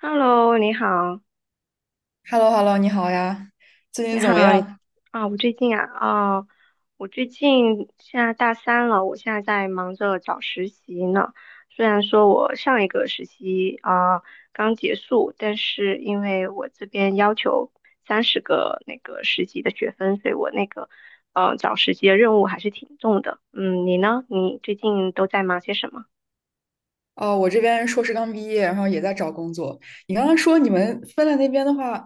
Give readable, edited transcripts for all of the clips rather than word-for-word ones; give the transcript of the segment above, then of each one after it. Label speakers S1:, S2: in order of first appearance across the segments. S1: Hello，你好，
S2: hello hello 你好呀，最
S1: 你
S2: 近怎么
S1: 好，
S2: 样？
S1: 啊，我最近啊，哦，我最近现在大三了，我现在在忙着找实习呢。虽然说我上一个实习啊，刚结束，但是因为我这边要求30个那个实习的学分，所以我那个找实习的任务还是挺重的。嗯，你呢？你最近都在忙些什么？
S2: 哦，我这边硕士刚毕业，然后也在找工作。你刚刚说你们芬兰那边的话，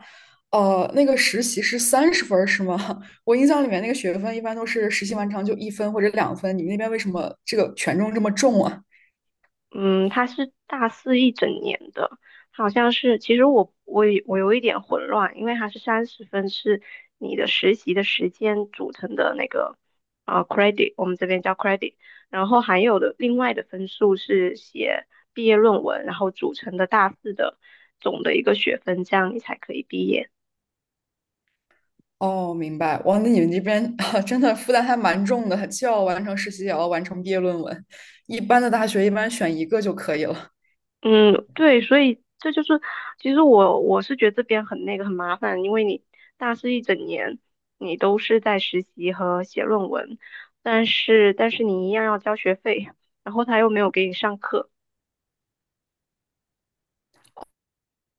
S2: 那个实习是30分儿是吗？我印象里面那个学分一般都是实习完成就1分或者2分，你们那边为什么这个权重这么重啊？
S1: 嗯，他是大四一整年的，好像是。其实我有一点混乱，因为它是30分是你的实习的时间组成的那个credit，我们这边叫 credit，然后还有的另外的分数是写毕业论文，然后组成的大四的总的一个学分，这样你才可以毕业。
S2: 哦，明白。哇，那你们这边啊 真的负担还蛮重的，既要完成实习，也要完成毕业论文。一般的大学一般选一个就可以了。
S1: 嗯，对，所以这就是，其实我是觉得这边很那个很麻烦，因为你大四一整年你都是在实习和写论文，但是你一样要交学费，然后他又没有给你上课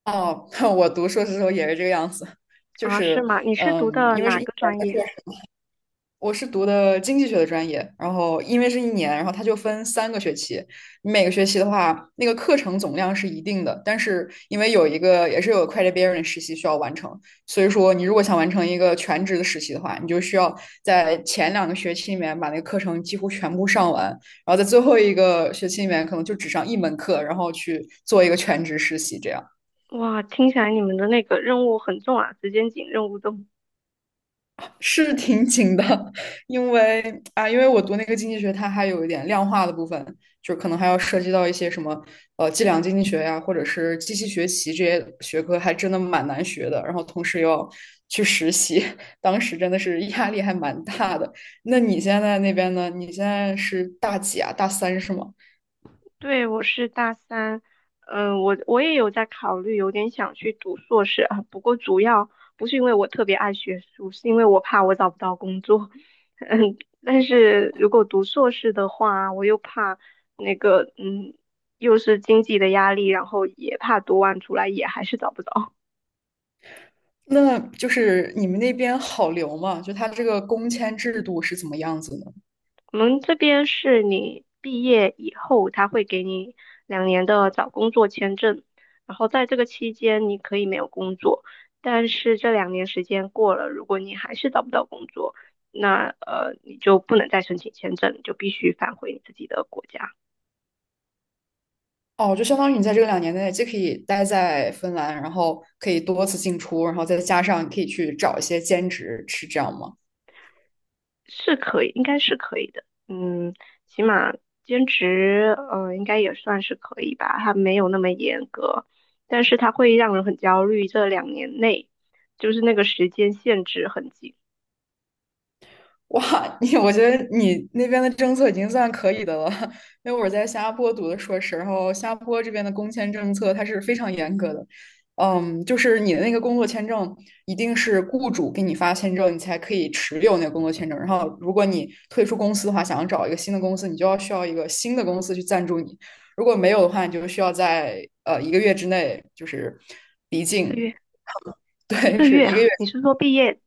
S2: 哦，我读硕士的时候也是这个样子，就
S1: 啊，是
S2: 是
S1: 吗？你是读
S2: 嗯，
S1: 的
S2: 因为是
S1: 哪
S2: 一
S1: 个
S2: 年
S1: 专
S2: 的
S1: 业啊？
S2: 是我是读的经济学的专业，然后因为是一年，然后它就分3个学期，你每个学期的话，那个课程总量是一定的，但是因为有一个也是有 credit bearing 实习需要完成，所以说你如果想完成一个全职的实习的话，你就需要在前2个学期里面把那个课程几乎全部上完，然后在最后一个学期里面可能就只上一门课，然后去做一个全职实习这样。
S1: 哇，听起来你们的那个任务很重啊，时间紧，任务重。
S2: 是挺紧的，因为因为我读那个经济学，它还有一点量化的部分，就可能还要涉及到一些什么计量经济学呀，或者是机器学习这些学科，还真的蛮难学的。然后同时又要去实习，当时真的是压力还蛮大的。那你现在那边呢？你现在是大几啊？大三是吗？
S1: 对，我是大三，嗯，我也有在考虑，有点想去读硕士啊。不过主要不是因为我特别爱学术，是因为我怕我找不到工作。嗯，但是如果读硕士的话，我又怕那个，嗯，又是经济的压力，然后也怕读完出来也还是找不着。
S2: 那就是你们那边好留吗？就它这个工签制度是怎么样子呢？
S1: 我们这边是你毕业以后，他会给你两年的找工作签证，然后在这个期间你可以没有工作，但是这两年时间过了，如果你还是找不到工作，那你就不能再申请签证，你就必须返回你自己的国家。
S2: 哦，就相当于你在这个2年内既可以待在芬兰，然后可以多次进出，然后再加上你可以去找一些兼职，是这样吗？
S1: 是可以，应该是可以的。嗯，起码兼职，嗯、应该也算是可以吧。它没有那么严格，但是它会让人很焦虑。这两年内，就是那个时间限制很紧，
S2: 哇，你我觉得你那边的政策已经算可以的了，因为我在新加坡读的硕士，然后新加坡这边的工签政策它是非常严格的，嗯，就是你的那个工作签证一定是雇主给你发签证，你才可以持有那个工作签证，然后如果你退出公司的话，想要找一个新的公司，你就要需要一个新的公司去赞助你，如果没有的话，你就需要在一个月之内就是离
S1: 一个
S2: 境，
S1: 月，一
S2: 对，
S1: 个
S2: 是
S1: 月
S2: 一个
S1: 啊。
S2: 月。
S1: 你是说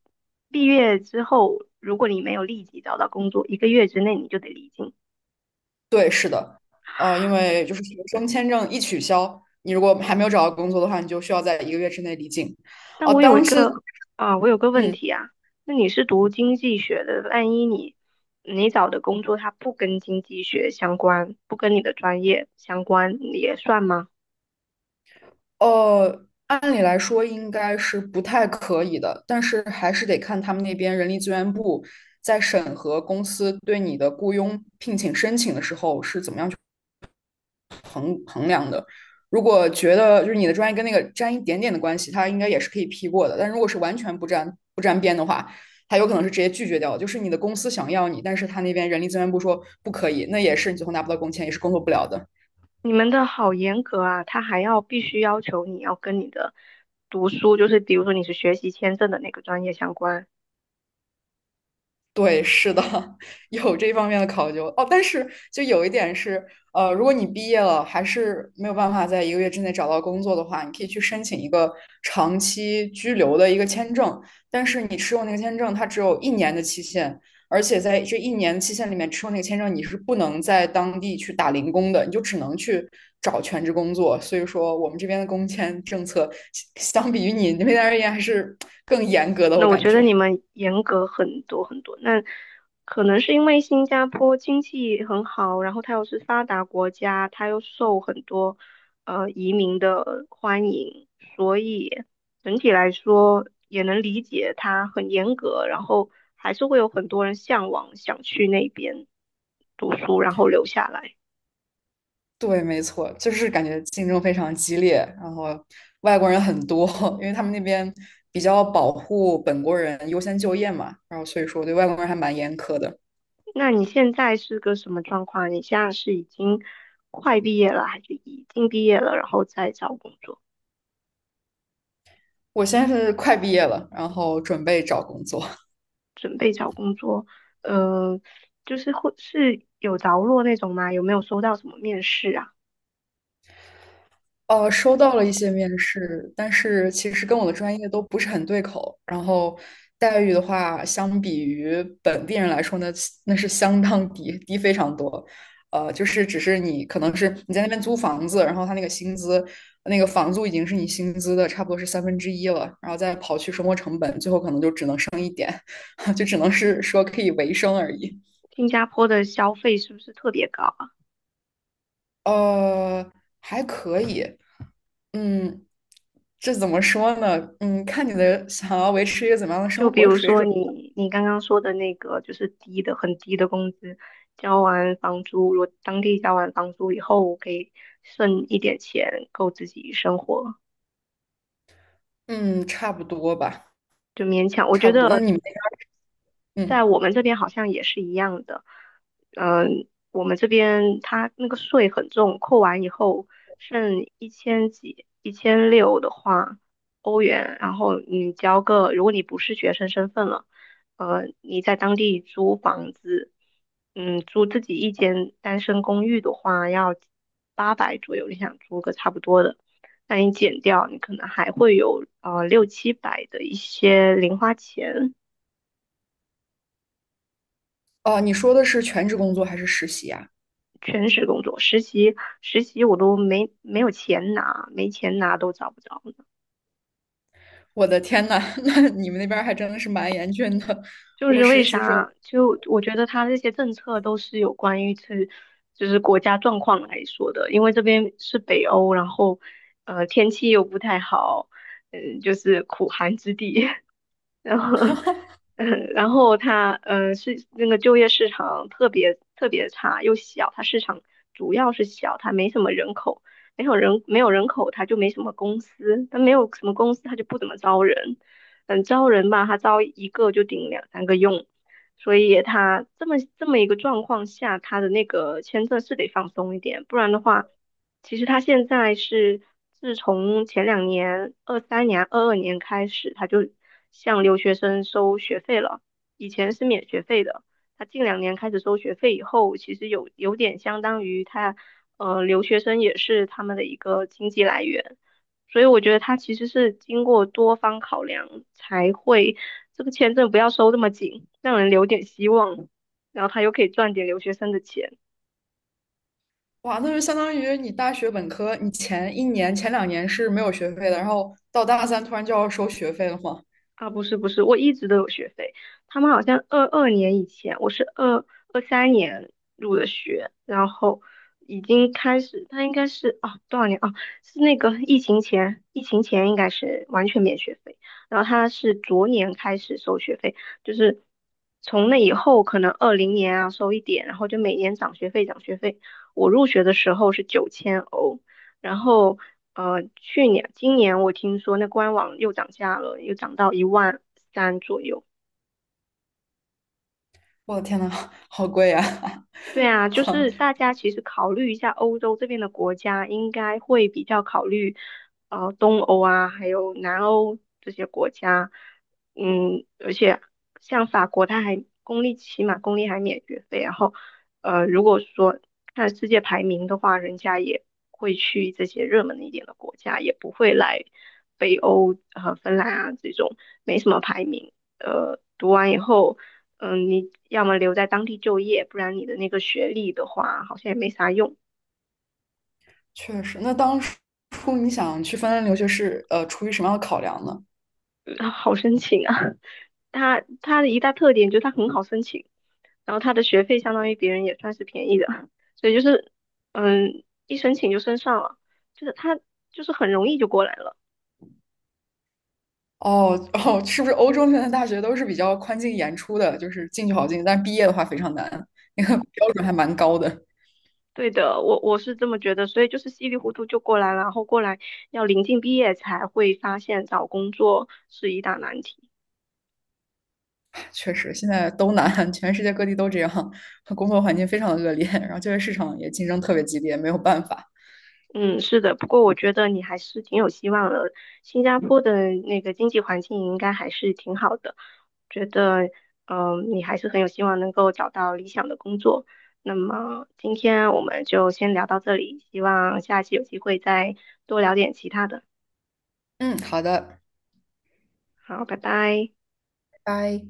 S1: 毕业之后，如果你没有立即找到工作，一个月之内你就得离境？
S2: 对，是的，因为就是学生签证一取消，你如果还没有找到工作的话，你就需要在一个月之内离境。
S1: 那
S2: 哦、
S1: 我有一
S2: 当时，
S1: 个啊，我有个问
S2: 嗯，
S1: 题啊，那你是读经济学的，万一你找的工作它不跟经济学相关，不跟你的专业相关，你也算吗？
S2: 按理来说应该是不太可以的，但是还是得看他们那边人力资源部在审核公司对你的雇佣聘请申请的时候是怎么样。如果觉得就是你的专业跟那个沾一点点的关系，它应该也是可以批过的。但如果是完全不沾边的话，它有可能是直接拒绝掉就是你的公司想要你，但是他那边人力资源部说不可以，那也是你最后拿不到工签，也是工作不了的。
S1: 你们的好严格啊，他还要必须要求你要跟你的读书，就是比如说你是学习签证的那个专业相关。
S2: 对，是的，有这方面的考究哦。但是就有一点是，如果你毕业了还是没有办法在一个月之内找到工作的话，你可以去申请一个长期居留的一个签证。但是你持有那个签证，它只有1年的期限，而且在这1年期限里面持有那个签证，你是不能在当地去打零工的，你就只能去找全职工作。所以说，我们这边的工签政策相比于你那边而言还是更严格的，我
S1: 那我
S2: 感
S1: 觉得
S2: 觉。
S1: 你们严格很多很多。那可能是因为新加坡经济很好，然后它又是发达国家，它又受很多移民的欢迎，所以整体来说也能理解它很严格，然后还是会有很多人向往想去那边读书，然后留下来。
S2: 对，没错，就是感觉竞争非常激烈，然后外国人很多，因为他们那边比较保护本国人优先就业嘛，然后所以说我对外国人还蛮严苛的。
S1: 那你现在是个什么状况？你现在是已经快毕业了，还是已经毕业了，然后再找工作？
S2: 我现在是快毕业了，然后准备找工作。
S1: 准备找工作，呃，就是会是有着落那种吗？有没有收到什么面试啊？
S2: 收到了一些面试，但是其实跟我的专业都不是很对口。然后待遇的话，相比于本地人来说呢，那是相当低，低非常多。就是只是你可能是你在那边租房子，然后他那个薪资，那个房租已经是你薪资的差不多是三分之一了，然后再刨去生活成本，最后可能就只能生，就只能是说可以维生而已。
S1: 新加坡的消费是不是特别高啊？
S2: 呃，还可以。嗯，这怎么说呢？嗯，看你的想要维持一个怎么样的
S1: 就
S2: 生
S1: 比
S2: 活
S1: 如
S2: 水
S1: 说
S2: 准。
S1: 你刚刚说的那个，就是低的很低的工资，交完房租，如果当地交完房租以后，我可以剩一点钱够自己生活，
S2: 嗯，差不多吧，
S1: 就勉强。我
S2: 差
S1: 觉
S2: 不多。那
S1: 得
S2: 你们那边儿
S1: 在
S2: 嗯，
S1: 我们这边好像也是一样的，嗯，我们这边它那个税很重，扣完以后剩一千几、1600的话，欧元，然后你交个，如果你不是学生身份了，你在当地租房子，嗯，租自己一间单身公寓的话要800左右，你想租个差不多的，那你减掉，你可能还会有六七百的一些零花钱。
S2: 哦，你说的是全职工作还是实习啊？
S1: 全职工作，实习我都没有钱拿，没钱拿都找不着呢。
S2: 我的天呐，那你们那边儿还真的是蛮严峻的。
S1: 就
S2: 我
S1: 是为
S2: 实习生，
S1: 啥？就我觉得他这些政策都是有关于是就是国家状况来说的，因为这边是北欧，然后天气又不太好，嗯，就是苦寒之地，然后，嗯，然后它，嗯，是那个就业市场特别特别差，又小，它市场主要是小，它没什么人口，没有人口，它就没什么公司，它没有什么公司，它就不怎么招人，嗯，招人吧，它招一个就顶两三个用，所以它这么一个状况下，它的那个签证是得放松一点，不然的话，其实他现在是自从前两年、二三年、二二年开始，他就向留学生收学费了。以前是免学费的，他近两年开始收学费以后，其实有点相当于他，留学生也是他们的一个经济来源。所以我觉得他其实是经过多方考量才会这个签证不要收那么紧，让人留点希望，然后他又可以赚点留学生的钱。
S2: 哇，那就相当于你大学本科，你前一年、前两年是没有学费的，然后到大三突然就要收学费了吗？
S1: 啊，不是不是，我一直都有学费。他们好像二二年以前，我是二三年入的学，然后已经开始，他应该是啊多少年啊？是那个疫情前，疫情前应该是完全免学费，然后他是昨年开始收学费，就是从那以后可能二零年啊收一点，然后就每年涨学费涨学费。我入学的时候是9000欧，然后去年今年我听说那官网又涨价了，又涨到1.3万左右。
S2: 我的天呐，好贵呀！
S1: 对啊，就是 大家其实考虑一下欧洲这边的国家，应该会比较考虑东欧啊，还有南欧这些国家。嗯，而且像法国，它还起码公立还免学费，然后如果说看世界排名的话，人家也会去这些热门一点的国家，也不会来北欧和、芬兰啊这种没什么排名。读完以后。嗯，你要么留在当地就业，不然你的那个学历的话，好像也没啥用，
S2: 确实，那当初你想去芬兰留学是出于什么样的考量呢？
S1: 嗯 好申请啊。它的一大特点就是它很好申请，然后它的学费相当于别人也算是便宜的，所以就是一申请就申上了，就是它就是很容易就过来了。
S2: 哦哦，是不是欧洲现在大学都是比较宽进严出的，就是进去好进，但是毕业的话非常难，那个标准还蛮高的。
S1: 对的，我是这么觉得，所以就是稀里糊涂就过来了，然后过来要临近毕业才会发现找工作是一大难题。
S2: 确实，现在都难，全世界各地都这样，工作环境非常的恶劣，然后就业市场也竞争特别激烈，没有办法。
S1: 嗯，是的，不过我觉得你还是挺有希望的。新加坡的那个经济环境应该还是挺好的，觉得你还是很有希望能够找到理想的工作。那么今天我们就先聊到这里，希望下次有机会再多聊点其他的。
S2: 嗯，好的，
S1: 好，拜拜。
S2: 拜。